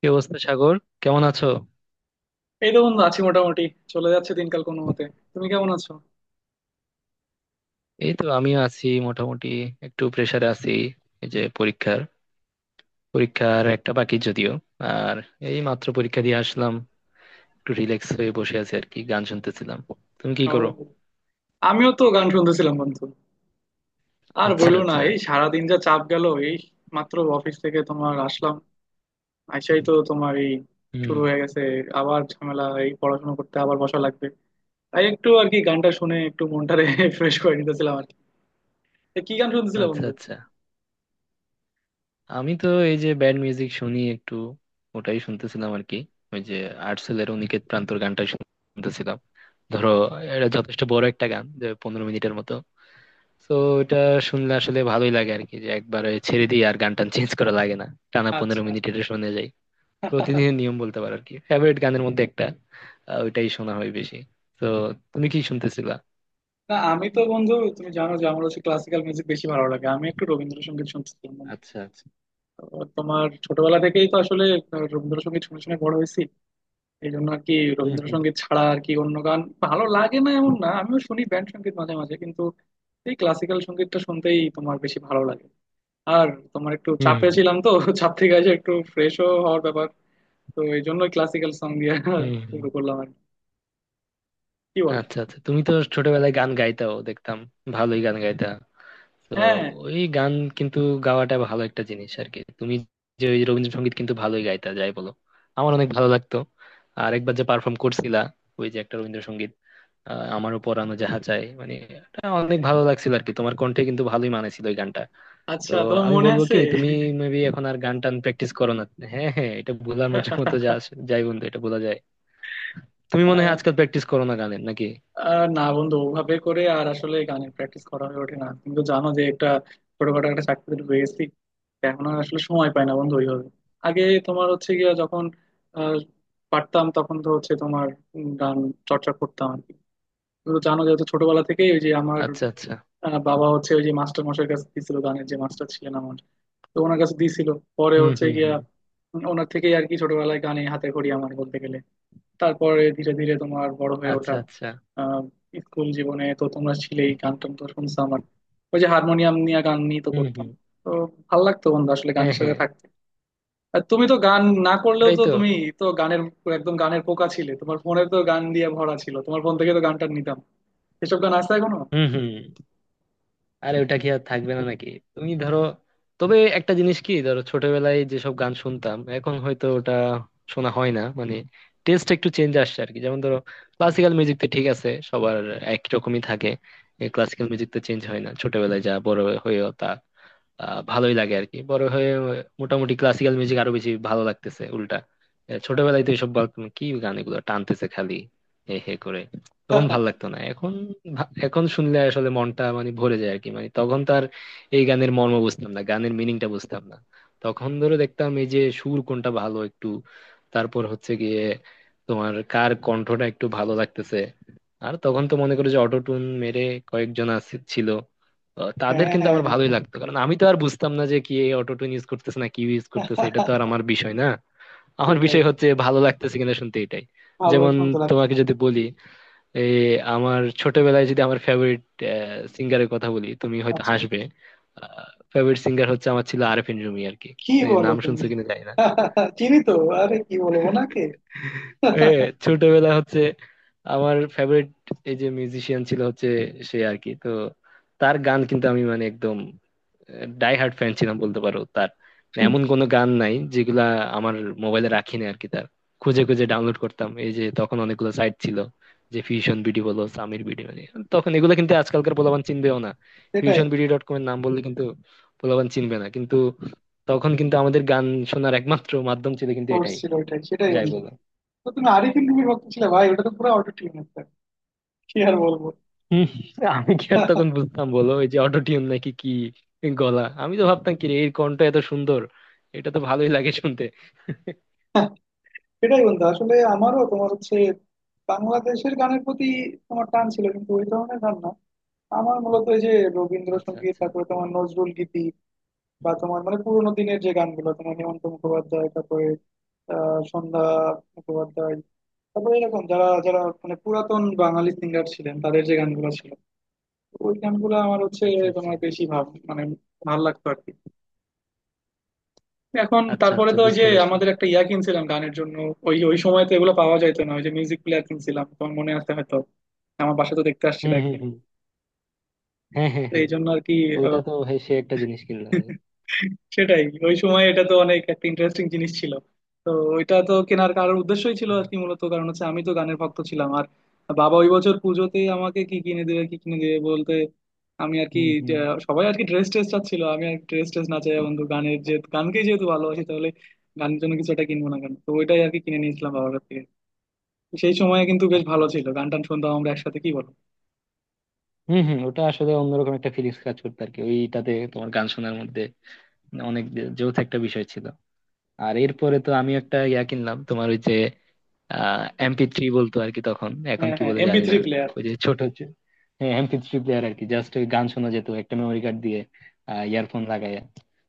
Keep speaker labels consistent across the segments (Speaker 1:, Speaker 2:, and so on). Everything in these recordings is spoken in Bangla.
Speaker 1: কি অবস্থা, সাগর? কেমন আছো?
Speaker 2: এই তো বন্ধু, আছি মোটামুটি। চলে যাচ্ছে দিনকাল কোনো মতে। তুমি কেমন আছো?
Speaker 1: এই তো আমিও আছি মোটামুটি। একটু প্রেসারে আছি, এই যে পরীক্ষার পরীক্ষার একটা বাকি যদিও। আর এই মাত্র পরীক্ষা দিয়ে আসলাম, একটু রিল্যাক্স হয়ে বসে আছি আর কি, গান শুনতেছিলাম। তুমি কি করো?
Speaker 2: ও, আমিও তো গান শুনতেছিলাম বন্ধু। আর
Speaker 1: আচ্ছা,
Speaker 2: বইলো না,
Speaker 1: আচ্ছা।
Speaker 2: এই সারাদিন যা চাপ গেল! এই মাত্র অফিস থেকে তোমার আসলাম। আইসাই তো তোমার এই
Speaker 1: হুম।
Speaker 2: শুরু হয়ে গেছে আবার ঝামেলা, এই পড়াশোনা করতে আবার বসা লাগবে। তাই একটু আর কি গানটা শুনে একটু মনটারে ফ্রেশ করে নিতেছিলাম আর কি। তা কি গান শুনতেছিলে
Speaker 1: আচ্ছা,
Speaker 2: বন্ধু?
Speaker 1: আচ্ছা। আমি তো এই যে ব্যান্ড মিউজিক শুনি একটু, ওটাই শুনতেছিলাম আর কি। ওই যে আর্টসেলের অনিকেত প্রান্তর গানটা শুনতেছিলাম। ধরো, এটা যথেষ্ট বড় একটা গান, যে 15 মিনিটের মতো। তো এটা শুনলে আসলে ভালোই লাগে আর কি, যে একবারে ছেড়ে দিই, আর গান টান চেঞ্জ করা লাগে না। টানা পনেরো
Speaker 2: আচ্ছা।
Speaker 1: মিনিট এটা শুনে যাই। প্রতিদিনের নিয়ম বলতে পারো আর কি, ফেভারিট গানের মধ্যে একটা। ওইটাই শোনা হয় বেশি। তো তুমি কি শুনতেছিলা?
Speaker 2: না, আমি তো বন্ধু, তুমি জানো যে আমার হচ্ছে ক্লাসিক্যাল মিউজিক বেশি ভালো লাগে। আমি একটু রবীন্দ্রসঙ্গীত শুনছিলাম।
Speaker 1: আচ্ছা, আচ্ছা।
Speaker 2: তো তোমার ছোটবেলা থেকেই তো আসলে রবীন্দ্রসঙ্গীত শুনে শুনে বড় হয়েছি। এই জন্য আর কি
Speaker 1: হুম, হুম,
Speaker 2: রবীন্দ্রসঙ্গীত ছাড়া আর কি অন্য গান ভালো লাগে না এমন না, আমিও শুনি ব্যান্ড সঙ্গীত মাঝে মাঝে, কিন্তু এই ক্লাসিক্যাল সঙ্গীতটা শুনতেই তোমার বেশি ভালো লাগে। আর তোমার, একটু
Speaker 1: হুম।
Speaker 2: চাপে ছিলাম তো চাপ থেকে এসে একটু ফ্রেশও হওয়ার ব্যাপার। তো এই জন্য ক্লাসিক্যাল সং দিয়ে
Speaker 1: হুম, হুম।
Speaker 2: শুরু করলাম আর কি। কি বলো?
Speaker 1: আচ্ছা, আচ্ছা, তুমি তো ছোটবেলায় গান গাইতাও দেখতাম, ভালোই গান গাইতা। তো
Speaker 2: হ্যাঁ।
Speaker 1: ওই গান কিন্তু গাওয়াটা ভালো একটা জিনিস আর কি, তুমি যে ওই রবীন্দ্রসঙ্গীত কিন্তু ভালোই গাইতা, যাই বলো। আমার অনেক ভালো লাগতো। আর একবার যে পারফর্ম করছিলা, ওই যে একটা রবীন্দ্রসঙ্গীত, আমারও পরানো যাহা চাই, মানে এটা অনেক ভালো লাগছিল আর কি, তোমার কণ্ঠে কিন্তু ভালোই মানেছিল ওই গানটা। তো
Speaker 2: আচ্ছা, তোমার
Speaker 1: আমি
Speaker 2: মনে
Speaker 1: বলবো
Speaker 2: আছে?
Speaker 1: কি, তুমি মেবি এখন আর গান টান প্র্যাকটিস করো না। হ্যাঁ, হ্যাঁ, এটা ভোলার মধ্যে মতো যাই বন্ধু, এটা বলা যায়। তুমি মনে হয় আজকাল প্র্যাকটিস করো না গানের নাকি?
Speaker 2: না বন্ধু, ওভাবে করে আর আসলে গানের প্র্যাকটিস করা হয়ে ওঠে না, কিন্তু জানো যে একটা ছোটখাটো একটা চাকরি পেয়েছি। এখন আর আসলে সময় পাই না বন্ধু ওইভাবে। আগে তোমার হচ্ছে গিয়া যখন আহ, পারতাম, তখন তো হচ্ছে তোমার গান চর্চা করতাম আর কি। কিন্তু জানো, যেহেতু ছোটবেলা থেকেই ওই যে আমার
Speaker 1: আচ্ছা, আচ্ছা।
Speaker 2: বাবা হচ্ছে ওই যে মাস্টার মশাইয়ের কাছে দিছিল, গানের যে মাস্টার ছিলেন আমার। তো ওনার কাছে দিছিল। পরে
Speaker 1: হুম,
Speaker 2: হচ্ছে
Speaker 1: হুম,
Speaker 2: গিয়া
Speaker 1: হুম।
Speaker 2: ওনার থেকেই আর কি ছোটবেলায় গানে হাতে খড়ি আমার বলতে গেলে। তারপরে ধীরে ধীরে তোমার বড় হয়ে
Speaker 1: আচ্ছা,
Speaker 2: ওঠা।
Speaker 1: আচ্ছা।
Speaker 2: আহ, স্কুল জীবনে তো তোমরা ছিলেই, গান টান তো শুনছো আমার। ওই যে হারমোনিয়াম নিয়ে গান নিয়ে তো
Speaker 1: হুম,
Speaker 2: করতাম।
Speaker 1: হুম।
Speaker 2: তো ভাল লাগতো বন্ধু আসলে
Speaker 1: হ্যাঁ,
Speaker 2: গানের সাথে
Speaker 1: হ্যাঁ।
Speaker 2: থাকতে। আর তুমি তো গান না করলেও
Speaker 1: ওটাই
Speaker 2: তো
Speaker 1: তো।
Speaker 2: তুমি তো গানের, একদম গানের পোকা ছিলে। তোমার ফোনে তো গান দিয়ে ভরা ছিল, তোমার ফোন থেকে তো গান টান নিতাম। এসব গান আছে এখনো?
Speaker 1: হম, হম। আরে ওটা কি আর থাকবে না নাকি? তুমি ধরো, তবে একটা জিনিস কি, ধরো ছোটবেলায় যেসব গান শুনতাম, এখন হয়তো ওটা শোনা হয় না মানে। টেস্ট একটু চেঞ্জ আসছে আর কি, যেমন ধরো ক্লাসিক্যাল মিউজিক তো ঠিক আছে, সবার একই রকমই থাকে। ক্লাসিক্যাল মিউজিক তো চেঞ্জ হয় না, ছোটবেলায় যা বড় হয়েও তা। ভালোই লাগে আর কি বড় হয়ে। মোটামুটি ক্লাসিক্যাল মিউজিক আরো বেশি ভালো লাগতেছে উল্টা। ছোটবেলায় তো এইসব বলতাম, কি গান এগুলো, টানতেছে খালি হে হে করে। তখন ভাল লাগতো না, এখন এখন শুনলে আসলে মনটা মানে ভরে যায় আর কি। মানে তখন তো আর এই গানের মর্ম বুঝতাম না, গানের মিনিংটা বুঝতাম না। তখন ধরো দেখতাম এই যে সুর কোনটা ভালো একটু, তারপর হচ্ছে গিয়ে তোমার কার কণ্ঠটা একটু ভালো লাগতেছে। আর তখন তো মনে করো যে অটোটুন মেরে কয়েকজন আছে ছিল,
Speaker 2: হ্যাঁ,
Speaker 1: তাদের কিন্তু
Speaker 2: হ্যাঁ,
Speaker 1: আমার
Speaker 2: হ্যাঁ।
Speaker 1: ভালোই লাগতো, কারণ আমি তো আর বুঝতাম না যে কি অটো টিউন ইউজ করতেছে না কি ইউজ করতেছে, এটা তো আর আমার বিষয় না। আমার
Speaker 2: সেটাই।
Speaker 1: বিষয় হচ্ছে ভালো লাগতেছে কিনা শুনতে, এটাই।
Speaker 2: ভালো
Speaker 1: যেমন
Speaker 2: শুনতে লাগছে।
Speaker 1: তোমাকে যদি বলি, এই আমার ছোটবেলায় যদি আমার ফেভারিট সিঙ্গারের কথা বলি, তুমি হয়তো
Speaker 2: আচ্ছা।
Speaker 1: হাসবে। ফেভারিট সিঙ্গার হচ্ছে আমার ছিল আরেফিন রুমি আর কি।
Speaker 2: কি
Speaker 1: এই
Speaker 2: বলো
Speaker 1: নাম শুনছো
Speaker 2: তুমি?
Speaker 1: কিনা জানি না।
Speaker 2: চিনি তো। আরে কি বলবো নাকি!
Speaker 1: এ, ছোটবেলা হচ্ছে আমার ফেভারিট, এই যে মিউজিশিয়ান ছিল হচ্ছে সে আর কি। তো তার গান কিন্তু আমি মানে একদম ডাই হার্ড ফ্যান ছিলাম বলতে পারো তার। মানে এমন কোনো গান নাই যেগুলা আমার মোবাইলে রাখি না আর কি তার। খুঁজে খুঁজে ডাউনলোড করতাম, এই যে তখন অনেকগুলো সাইট ছিল, যে ফিউশন বিডি বলো, সামির বিডি, মানে তখন এগুলো কিন্তু আজকালকার পোলাপান চিনবেও না।
Speaker 2: সেটাই।
Speaker 1: ফিউশন বিডি ডট কম এর নাম বললে কিন্তু পোলাপান চিনবে না কিন্তু। তখন কিন্তু আমাদের গান শোনার একমাত্র মাধ্যম ছিল কিন্তু
Speaker 2: সোর্স
Speaker 1: এটাই,
Speaker 2: ছিল ওইটাই, সেটাই
Speaker 1: যাই
Speaker 2: বন্ধু।
Speaker 1: বলো।
Speaker 2: তো তুমি আরিফিন রুমির ভক্ত ছিলে ভাই! ওটা তো পুরো অটো টিউন, একটা, কি আর বলবো!
Speaker 1: হুম। আমি কি আর তখন বুঝতাম বলো, ওই যে অটোটিউন নাকি কি, গলা আমি তো ভাবতাম কি রে, এর কণ্ঠ এত সুন্দর, এটা তো ভালোই লাগে শুনতে।
Speaker 2: সেটাই বন্ধু। আসলে আমারও তোমার হচ্ছে বাংলাদেশের গানের প্রতি তোমার টান ছিল, কিন্তু ওই ধরনের গান না। আমার মূলত এই যে
Speaker 1: আচ্ছা,
Speaker 2: রবীন্দ্রসঙ্গীত,
Speaker 1: আচ্ছা।
Speaker 2: তারপরে তোমার নজরুল গীতি, বা তোমার মানে পুরোনো দিনের যে গানগুলো, তোমার হেমন্ত মুখোপাধ্যায়, তারপরে সন্ধ্যা মুখোপাধ্যায়, তারপরে এরকম যারা যারা মানে পুরাতন বাঙালি সিঙ্গার ছিলেন, তাদের যে গানগুলো ছিল ওই গানগুলো আমার হচ্ছে
Speaker 1: আচ্ছা, আচ্ছা।
Speaker 2: তোমার বেশি ভাব মানে ভালো লাগতো আর কি। এখন
Speaker 1: আচ্ছা,
Speaker 2: তারপরে
Speaker 1: আচ্ছা।
Speaker 2: তো ওই যে
Speaker 1: বুঝতে পারছি।
Speaker 2: আমাদের একটা ইয়া কিনছিলাম গানের জন্য। ওই ওই সময় তো এগুলো পাওয়া যাইতো না, ওই যে মিউজিক প্লেয়ার কিনছিলাম তোমার মনে আছে হয়তো। আমার বাসা তো দেখতে আসছিল
Speaker 1: হুম, হুম,
Speaker 2: একদিন।
Speaker 1: হুম। হ্যাঁ, হ্যাঁ,
Speaker 2: তো এই
Speaker 1: হ্যাঁ।
Speaker 2: জন্য আর কি।
Speaker 1: সে একটা জিনিস কিনলো ভাই।
Speaker 2: সেটাই। ওই সময় এটা তো অনেক একটা ইন্টারেস্টিং জিনিস ছিল। তো ওইটা তো কেনার কারোর উদ্দেশ্যই ছিল আর কি, মূলত কারণ হচ্ছে আমি তো গানের ভক্ত ছিলাম। আর বাবা ওই বছর পুজোতেই আমাকে কি কিনে দেবে কি কিনে দেবে বলতে, আমি আর কি
Speaker 1: হুম,
Speaker 2: যে
Speaker 1: হুম।
Speaker 2: সবাই আর কি ড্রেস ট্রেস চাচ্ছিল, আমি আর ড্রেস ট্রেস না চাই বন্ধু, গানের যে, গানকেই যেহেতু ভালোবাসি, তাহলে গানের জন্য কিছু একটা কিনবো না কেন? তো ওইটাই আর কি কিনে নিয়েছিলাম বাবার কাছ থেকে। সেই সময় কিন্তু বেশ
Speaker 1: আচ্ছা,
Speaker 2: ভালো
Speaker 1: আচ্ছা।
Speaker 2: ছিল, গান টান শুনতাম আমরা একসাথে, কি বলো?
Speaker 1: হুম, হুম। ওটা আসলে অন্যরকম একটা ফিলিংস কাজ করতো আর কি, ওইটাতে তোমার গান শোনার মধ্যে অনেক যৌথ একটা বিষয় ছিল। আর এরপরে তো আমি একটা ইয়া কিনলাম তোমার, ওই যে আহ MP3 বলতো আর কি তখন, এখন
Speaker 2: হ্যাঁ,
Speaker 1: কি
Speaker 2: হ্যাঁ,
Speaker 1: বলে
Speaker 2: এমপি
Speaker 1: জানি না।
Speaker 2: Three player.
Speaker 1: ওই যে ছোট হচ্ছে, হ্যাঁ, MP3 প্লেয়ার আর কি। জাস্ট ওই গান শোনা যেত একটা মেমোরি কার্ড দিয়ে, ইয়ারফোন লাগাইয়া।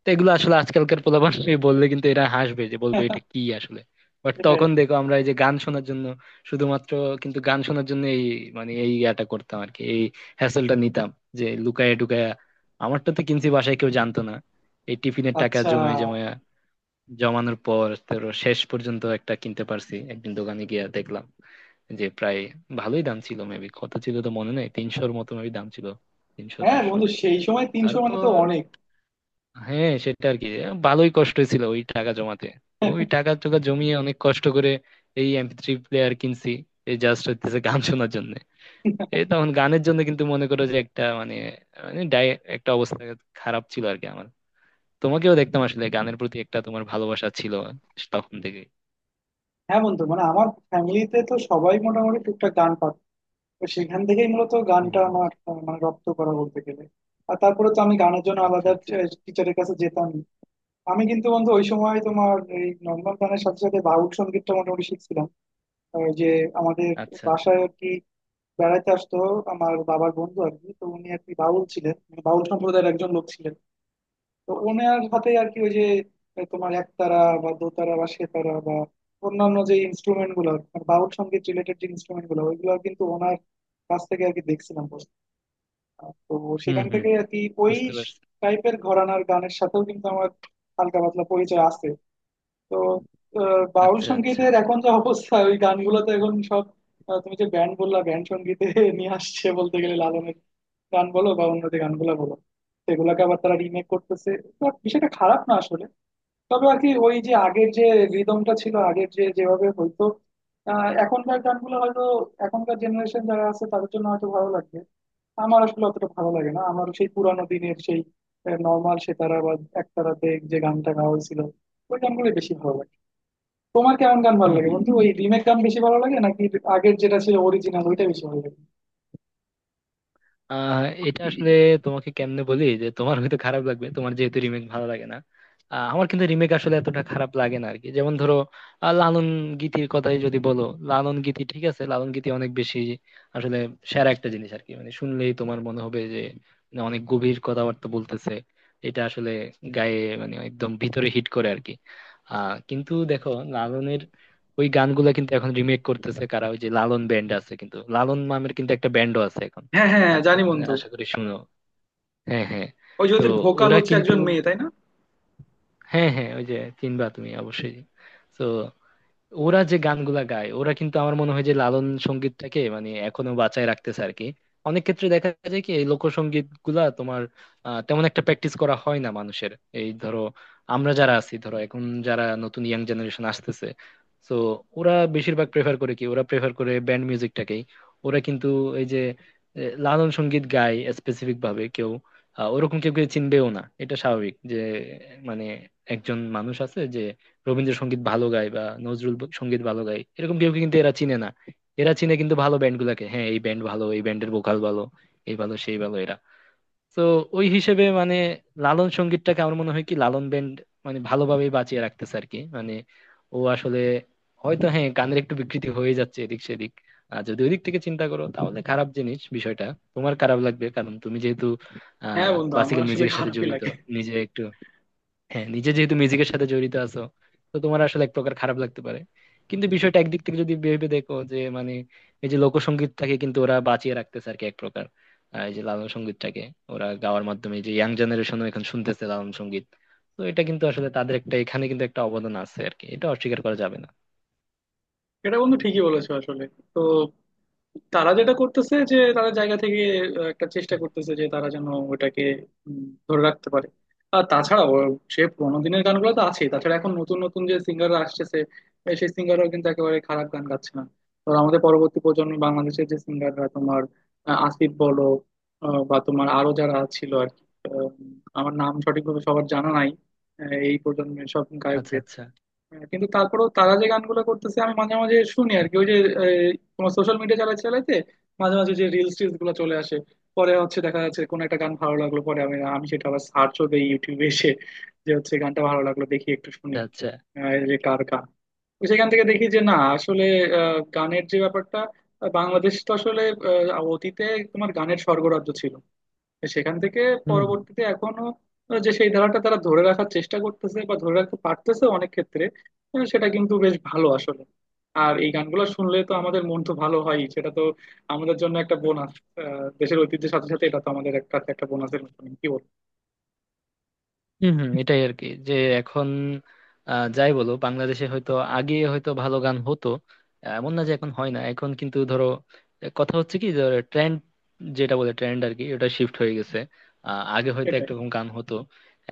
Speaker 1: তো এগুলো আসলে আজকালকার পোলাপান বললে কিন্তু এরা হাসবে, যে বলবে এটা কি আসলে। বাট
Speaker 2: এটাই।
Speaker 1: তখন দেখো আমরা এই যে গান শোনার জন্য, শুধুমাত্র কিন্তু গান শোনার জন্য এই মানে এই ইয়াটা করতাম আর কি, এই হ্যাসেলটা নিতাম, যে লুকায়া টুকায়া। আমারটা তো কিনছি, বাসায় কেউ জানতো না। এই টিফিনের টাকা
Speaker 2: আচ্ছা।
Speaker 1: জমায় জমায়া, জমানোর পর তোর শেষ পর্যন্ত একটা কিনতে পারছি একদিন দোকানে গিয়ে দেখলাম যে প্রায় ভালোই দাম ছিল। মেবি কত ছিল তো মনে নেই, 300-র মতো মেবি দাম ছিল, তিনশো
Speaker 2: হ্যাঁ
Speaker 1: চারশো
Speaker 2: বন্ধু, সেই সময় 300 মানে তো
Speaker 1: তারপর
Speaker 2: অনেক।
Speaker 1: হ্যাঁ সেটা আর কি, ভালোই কষ্ট ছিল ওই টাকা জমাতে। তো ওই টাকা টাকা জমিয়ে অনেক কষ্ট করে এই MP3 প্লেয়ার কিনছি, এই জাস্ট হচ্ছে গান শোনার জন্য। এই তখন গানের জন্য কিন্তু মনে করো যে একটা মানে, মানে একটা অবস্থা খারাপ ছিল আর কি আমার। তোমাকেও দেখতাম আসলে গানের প্রতি একটা তোমার ভালোবাসা ছিল তখন থেকে।
Speaker 2: হ্যাঁ বন্ধু, মানে আমার ফ্যামিলিতে তো সবাই মোটামুটি টুকটাক গান পারতো। তো সেখান থেকেই মূলত গানটা আমার মানে রপ্ত করা বলতে গেলে। আর তারপরে তো আমি গানের জন্য আলাদা টিচারের কাছে যেতাম। আমি কিন্তু বন্ধু ওই সময় তোমার এই নর্মাল গানের সাথে সাথে বাউল সঙ্গীতটা মোটামুটি শিখছিলাম। যে আমাদের
Speaker 1: আচ্ছা, আচ্ছা।
Speaker 2: বাসায় আর কি বেড়াইতে আসতো আমার বাবার বন্ধু আর কি, তো উনি আর কি বাউল ছিলেন, মানে বাউল সম্প্রদায়ের একজন লোক ছিলেন। তো ওনার হাতে আর কি ওই যে তোমার একতারা বা দোতারা বা সেতারা বা অন্যান্য যে ইনস্ট্রুমেন্ট গুলো, বাউল সঙ্গীত রিলেটেড যে ইনস্ট্রুমেন্ট গুলো, ওইগুলো কিন্তু ওনার কাছ থেকে আর কি দেখছিলাম বসে। তো
Speaker 1: হুম,
Speaker 2: সেখান
Speaker 1: হুম,
Speaker 2: থেকে
Speaker 1: হুম।
Speaker 2: আর কি ওই
Speaker 1: বুঝতে পারছি।
Speaker 2: টাইপের ঘরানার গানের সাথেও কিন্তু আমার হালকা পাতলা পরিচয় আছে। তো বাউল
Speaker 1: আচ্ছা, আচ্ছা।
Speaker 2: সংগীতের এখন যা অবস্থা, ওই গানগুলো তো এখন সব তুমি যে ব্যান্ড বললা ব্যান্ড সংগীতে নিয়ে আসছে বলতে গেলে, লালনের গান বলো বা অন্য যে গানগুলো বলো, সেগুলোকে আবার তারা রিমেক করতেছে। তো বিষয়টা খারাপ না আসলে। তবে আর কি ওই যে আগের যে রিদমটা ছিল, আগের যে যেভাবে হয়তো। এখনকার গানগুলো হয়তো এখনকার জেনারেশন যারা আছে তাদের জন্য হয়তো ভালো লাগবে। আমার আসলে অতটা ভালো লাগে না। আমার সেই পুরানো দিনের সেই নর্মাল সেতারা বা একতারাতে যে গানটা গাওয়া হয়েছিল, ওই গানগুলো বেশি ভালো লাগে। তোমার কেমন গান ভালো
Speaker 1: হুম,
Speaker 2: লাগে
Speaker 1: হুম।
Speaker 2: বন্ধু? ওই
Speaker 1: এটা
Speaker 2: রিমেক গান বেশি ভালো লাগে নাকি আগের যেটা ছিল অরিজিনাল, ওইটা বেশি ভালো লাগে?
Speaker 1: আহ এটা আসলে তোমাকে কেমনে বলি যে, তোমার হয়তো খারাপ লাগবে, তোমার যেহেতু রিমেক ভালো লাগে না। আমার কিন্তু রিমেক আসলে এতটা খারাপ লাগে না আরকি। যেমন ধরো, লালন গীতির কথাই যদি বলো, লালন গীতি ঠিক আছে। লালন গীতি অনেক বেশি আসলে সেরা একটা জিনিস আরকি, মানে শুনলেই তোমার মনে হবে যে মানে অনেক গভীর কথাবার্তা বলতেছে। এটা আসলে গায়ে মানে একদম ভিতরে হিট করে আরকি। কিন্তু দেখো, লালনের ওই গানগুলা কিন্তু এখন রিমেক করতেছে কারা, ওই যে লালন ব্যান্ড আছে কিন্তু, লালন মামের কিন্তু একটা ব্যান্ডও আছে এখন
Speaker 2: হ্যাঁ, হ্যাঁ, হ্যাঁ,
Speaker 1: আজকাল,
Speaker 2: জানি
Speaker 1: মানে
Speaker 2: বন্ধু।
Speaker 1: আশা করি শুনো। হ্যাঁ, হ্যাঁ।
Speaker 2: ওই যে
Speaker 1: তো
Speaker 2: ওদের ভোকাল
Speaker 1: ওরা
Speaker 2: হচ্ছে
Speaker 1: কিন্তু,
Speaker 2: একজন মেয়ে তাই না?
Speaker 1: হ্যাঁ, হ্যাঁ, ওই যে, চিনবা তুমি অবশ্যই। তো ওরা যে গানগুলা গায়, ওরা কিন্তু আমার মনে হয় যে লালন সঙ্গীতটাকে মানে এখনো বাঁচায় রাখতেছে আর কি। অনেক ক্ষেত্রে দেখা যায় কি, এই লোকসঙ্গীত গুলা তোমার তেমন একটা প্র্যাকটিস করা হয় না মানুষের। এই ধরো, আমরা যারা আছি ধরো এখন, যারা নতুন ইয়াং জেনারেশন আসতেছে, তো ওরা বেশিরভাগ প্রেফার করে কি, ওরা প্রেফার করে ব্যান্ড মিউজিকটাকেই। ওরা কিন্তু এই যে লালন সঙ্গীত গায় স্পেসিফিক ভাবে কেউ, ওরকম কেউ কেউ চিনবেও না, এটা স্বাভাবিক। যে মানে একজন মানুষ আছে যে রবীন্দ্রসঙ্গীত ভালো গায় বা নজরুল সঙ্গীত ভালো গায়, এরকম কেউ কিন্তু এরা চিনে না। এরা চিনে কিন্তু ভালো ব্যান্ড গুলাকে। হ্যাঁ, এই ব্যান্ড ভালো, এই ব্যান্ডের ভোকাল ভালো, এই ভালো সেই ভালো এরা। তো ওই হিসেবে মানে লালন সঙ্গীতটাকে আমার মনে হয় কি, লালন ব্যান্ড মানে ভালোভাবেই বাঁচিয়ে রাখতেছে আর কি। মানে ও আসলে হয়তো, হ্যাঁ, গানের একটু বিকৃতি হয়ে যাচ্ছে এদিক সেদিক। আর যদি ওই দিক থেকে চিন্তা করো তাহলে খারাপ জিনিস বিষয়টা, তোমার খারাপ লাগবে, কারণ তুমি যেহেতু
Speaker 2: হ্যাঁ বন্ধু, আমার
Speaker 1: ক্লাসিক্যাল
Speaker 2: আসলে
Speaker 1: মিউজিকের সাথে
Speaker 2: খারাপই
Speaker 1: জড়িত,
Speaker 2: লাগে।
Speaker 1: নিজে একটু, হ্যাঁ, নিজে যেহেতু মিউজিকের সাথে জড়িত আছো, তো তোমার আসলে এক প্রকার খারাপ লাগতে পারে। কিন্তু বিষয়টা একদিক থেকে যদি ভেবে দেখো যে মানে এই যে লোকসঙ্গীতটাকে কিন্তু ওরা বাঁচিয়ে রাখতেছে আর কি এক প্রকার। এই যে লালন সঙ্গীতটাকে ওরা গাওয়ার মাধ্যমে এই যে ইয়াং জেনারেশনও এখন শুনতেছে লালন সঙ্গীত। তো এটা কিন্তু আসলে তাদের একটা, এখানে কিন্তু একটা অবদান আছে আর কি, এটা অস্বীকার করা যাবে না।
Speaker 2: এটা বন্ধু ঠিকই বলেছো আসলে। তো তারা যেটা করতেছে, যে তাদের জায়গা থেকে একটা চেষ্টা করতেছে যে তারা যেন ওটাকে উম, ধরে রাখতে পারে। আর তাছাড়া সে পুরোনো দিনের গানগুলো তো আছেই, তাছাড়া এখন নতুন নতুন যে সিঙ্গাররা আসতেছে, সেই সিঙ্গাররাও কিন্তু একেবারে খারাপ গান গাচ্ছে না। ধরো আমাদের পরবর্তী প্রজন্ম বাংলাদেশের যে সিঙ্গাররা তোমার, আসিফ বলো, বা তোমার আরো যারা ছিল আর কি, আহ, আমার নাম সঠিকভাবে সবার জানা নাই, এই প্রজন্মের সব গায়ক।
Speaker 1: আচ্ছা, আচ্ছা।
Speaker 2: হ্যাঁ, কিন্তু তারপরেও তারা যে গানগুলো করতেছে আমি মাঝে মাঝে শুনি আর কি। ওই যে এই, তোমার সোশ্যাল মিডিয়া চালাতে চালাইতে মাঝে মাঝে যে রিলস টিলস গুলো চলে আসে, পরে হচ্ছে দেখা যাচ্ছে কোন একটা গান ভালো লাগলো, পরে আমি আমি সেটা আবার সার্চও দিই ইউটিউবে এসে যে হচ্ছে গানটা ভালো লাগলো, দেখি একটু শুনি
Speaker 1: আচ্ছা, আচ্ছা।
Speaker 2: এই যে কার গান। তো সেখান থেকে দেখি যে না আসলে গানের যে ব্যাপারটা, বাংলাদেশ তো আসলে অতীতে তোমার গানের স্বর্গরাজ্য ছিল। সেখান থেকে
Speaker 1: হুম, হুম।
Speaker 2: পরবর্তীতে এখনো যে সেই ধারাটা তারা ধরে রাখার চেষ্টা করতেছে বা ধরে রাখতে পারতেছে অনেক ক্ষেত্রে, সেটা কিন্তু বেশ ভালো আসলে। আর এই গানগুলো শুনলে তো আমাদের মন তো ভালো হয়, সেটা তো আমাদের জন্য একটা বোনাস। দেশের ঐতিহ্যের সাথে সাথে এটা তো আমাদের একটা একটা বোনাসের মতন, কি বল?
Speaker 1: হম, হম। এটাই আর কি যে এখন, যাই বলো, বাংলাদেশে হয়তো আগে হয়তো ভালো গান হতো, এমন না যে এখন হয় না, এখন কিন্তু ধরো, কথা হচ্ছে কি, ধরো ট্রেন্ড, যেটা বলে ট্রেন্ড আর কি, ওটা শিফট হয়ে গেছে। আগে হয়তো
Speaker 2: এটাই।
Speaker 1: একরকম গান হতো,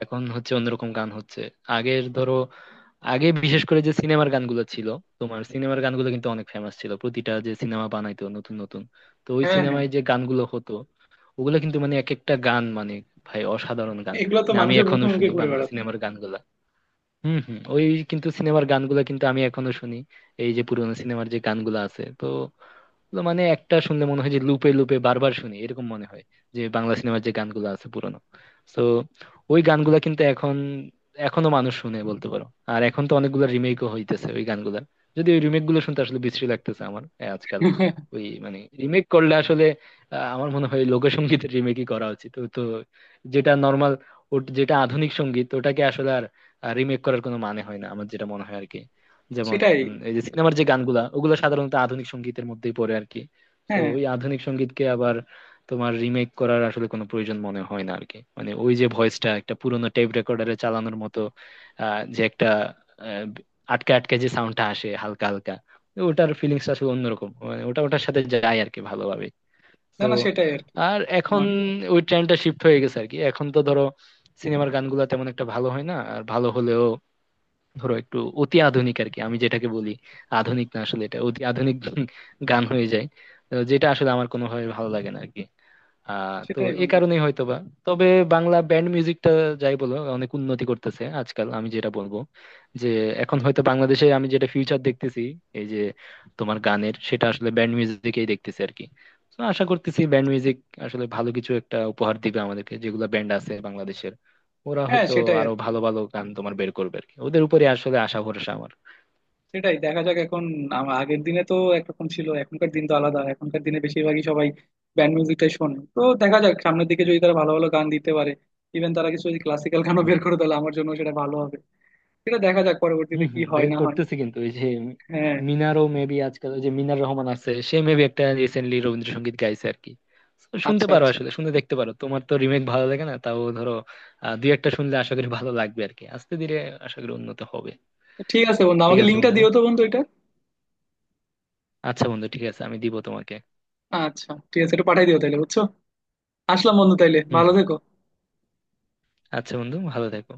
Speaker 1: এখন হচ্ছে অন্যরকম গান হচ্ছে। আগের ধরো, আগে বিশেষ করে যে সিনেমার গানগুলো ছিল, তোমার সিনেমার গানগুলো কিন্তু অনেক ফেমাস ছিল, প্রতিটা যে সিনেমা বানাইতো নতুন নতুন, তো ওই
Speaker 2: হ্যাঁ, হ্যাঁ,
Speaker 1: সিনেমায় যে গানগুলো হতো, ওগুলা কিন্তু মানে এক একটা গান মানে ভাই অসাধারণ গান।
Speaker 2: এগুলো তো
Speaker 1: মানে আমি
Speaker 2: মানুষের মুখে
Speaker 1: এখনো
Speaker 2: মুখে
Speaker 1: শুনি
Speaker 2: ঘুরে
Speaker 1: বাংলা
Speaker 2: বেড়াতো।
Speaker 1: সিনেমার গানগুলা। হম, হম। ওই কিন্তু সিনেমার গানগুলা কিন্তু আমি এখনো শুনি, এই যে পুরোনো সিনেমার যে গানগুলা আছে, তো তো মানে একটা শুনলে মনে হয় যে লুপে লুপে বারবার শুনি এরকম মনে হয়, যে বাংলা সিনেমার যে গানগুলো আছে পুরনো। তো ওই গানগুলা কিন্তু এখন, এখনো মানুষ শুনে বলতে পারো। আর এখন তো অনেকগুলো রিমেকও হইতেছে ওই গানগুলা, যদি ওই রিমেক গুলো শুনতে আসলে বিশ্রী লাগতেছে আমার, আজকাল। ওই মানে রিমেক করলে আসলে, আমার মনে হয় লোকসঙ্গীতের রিমেকই করা উচিত। তো তো যেটা নর্মাল, যেটা আধুনিক সঙ্গীত, ওটাকে আসলে আর রিমেক করার কোনো মানে হয় না আমার, যেটা মনে হয় আর কি। যেমন
Speaker 2: সেটাই।
Speaker 1: এই যে সিনেমার যে গানগুলা, ওগুলা সাধারণত আধুনিক সঙ্গীতের মধ্যেই পড়ে আর কি। তো
Speaker 2: হ্যাঁ,
Speaker 1: ওই আধুনিক সঙ্গীতকে আবার তোমার রিমেক করার আসলে কোনো প্রয়োজন মনে হয় না আর কি। মানে ওই যে ভয়েসটা একটা পুরোনো টেপ রেকর্ডারে চালানোর মতো, যে একটা, আহ, আটকে আটকে যে সাউন্ডটা আসে হালকা হালকা, ওটার ফিলিংস আসলে অন্যরকম, মানে ওটা ওটার সাথে যায় আর কি ভালোভাবে।
Speaker 2: না,
Speaker 1: তো
Speaker 2: না, সেটাই আর কি।
Speaker 1: আর এখন
Speaker 2: আমার।
Speaker 1: ওই ট্রেন্ডটা শিফট হয়ে গেছে আর কি, এখন তো ধরো সিনেমার গানগুলা তেমন একটা ভালো হয় না। আর ভালো হলেও ধরো একটু অতি আধুনিক আর কি, আমি যেটাকে বলি আধুনিক না, আসলে এটা অতি আধুনিক গান হয়ে যায়, তো যেটা আসলে আমার কোনোভাবে ভালো লাগে না আরকি। তো
Speaker 2: সেটাই
Speaker 1: এই
Speaker 2: বন্ধু।
Speaker 1: কারণেই হয়তোবা, তবে বাংলা ব্যান্ড মিউজিকটা যাই বলো অনেক উন্নতি করতেছে আজকাল, আমি যেটা বলবো যে এখন হয়তো বাংলাদেশে আমি যেটা ফিউচার দেখতেছি, এই যে তোমার গানের, সেটা আসলে ব্যান্ড মিউজিকেই দেখতেছি আর কি। তো আশা করতেছি ব্যান্ড মিউজিক আসলে ভালো কিছু একটা উপহার দিবে আমাদেরকে, যেগুলো ব্যান্ড আছে বাংলাদেশের ওরা
Speaker 2: হ্যাঁ,
Speaker 1: হয়তো
Speaker 2: সেটাই
Speaker 1: আরো
Speaker 2: আর কি।
Speaker 1: ভালো ভালো গান তোমার বের করবে আর কি, ওদের উপরে আসলে আশা ভরসা আমার।
Speaker 2: সেটাই, দেখা যাক এখন। আগের দিনে তো একরকম ছিল, এখনকার দিন তো আলাদা। এখনকার দিনে বেশিরভাগই সবাই ব্যান্ড মিউজিকটাই শোনে। তো দেখা যাক সামনের দিকে যদি তারা ভালো ভালো গান দিতে পারে। ইভেন তারা কিছু যদি ক্লাসিক্যাল গানও বের করে তাহলে আমার জন্য সেটা ভালো হবে। সেটা দেখা যাক পরবর্তীতে
Speaker 1: হম,
Speaker 2: কি
Speaker 1: হম।
Speaker 2: হয়
Speaker 1: বের
Speaker 2: না হয়।
Speaker 1: করতেছি কিন্তু এই যে
Speaker 2: হ্যাঁ,
Speaker 1: মিনারও মেবি আজকাল, ওই যে মিনার রহমান আছে, সে মেবি একটা রিসেন্টলি রবীন্দ্রসঙ্গীত গাইছে আর কি। So, শুনতে
Speaker 2: আচ্ছা
Speaker 1: পারো,
Speaker 2: আচ্ছা,
Speaker 1: আসলে শুনে দেখতে পারো। তোমার তো রিমেক ভালো লাগে না, তাও ধরো দুই একটা শুনলে আশা করি ভালো লাগবে আর কি। আস্তে ধীরে আশা করি উন্নত হবে।
Speaker 2: ঠিক আছে বন্ধু,
Speaker 1: ঠিক
Speaker 2: আমাকে
Speaker 1: আছে
Speaker 2: লিঙ্কটা
Speaker 1: বন্ধু।
Speaker 2: দিও তো বন্ধু এটা।
Speaker 1: আচ্ছা বন্ধু, ঠিক আছে, আমি দিব তোমাকে।
Speaker 2: আচ্ছা ঠিক আছে, এটা পাঠাই দিও তাহলে, বুঝছো? আসলাম বন্ধু, তাইলে
Speaker 1: হম,
Speaker 2: ভালো
Speaker 1: হম।
Speaker 2: থেকো।
Speaker 1: আচ্ছা বন্ধু, ভালো থেকো।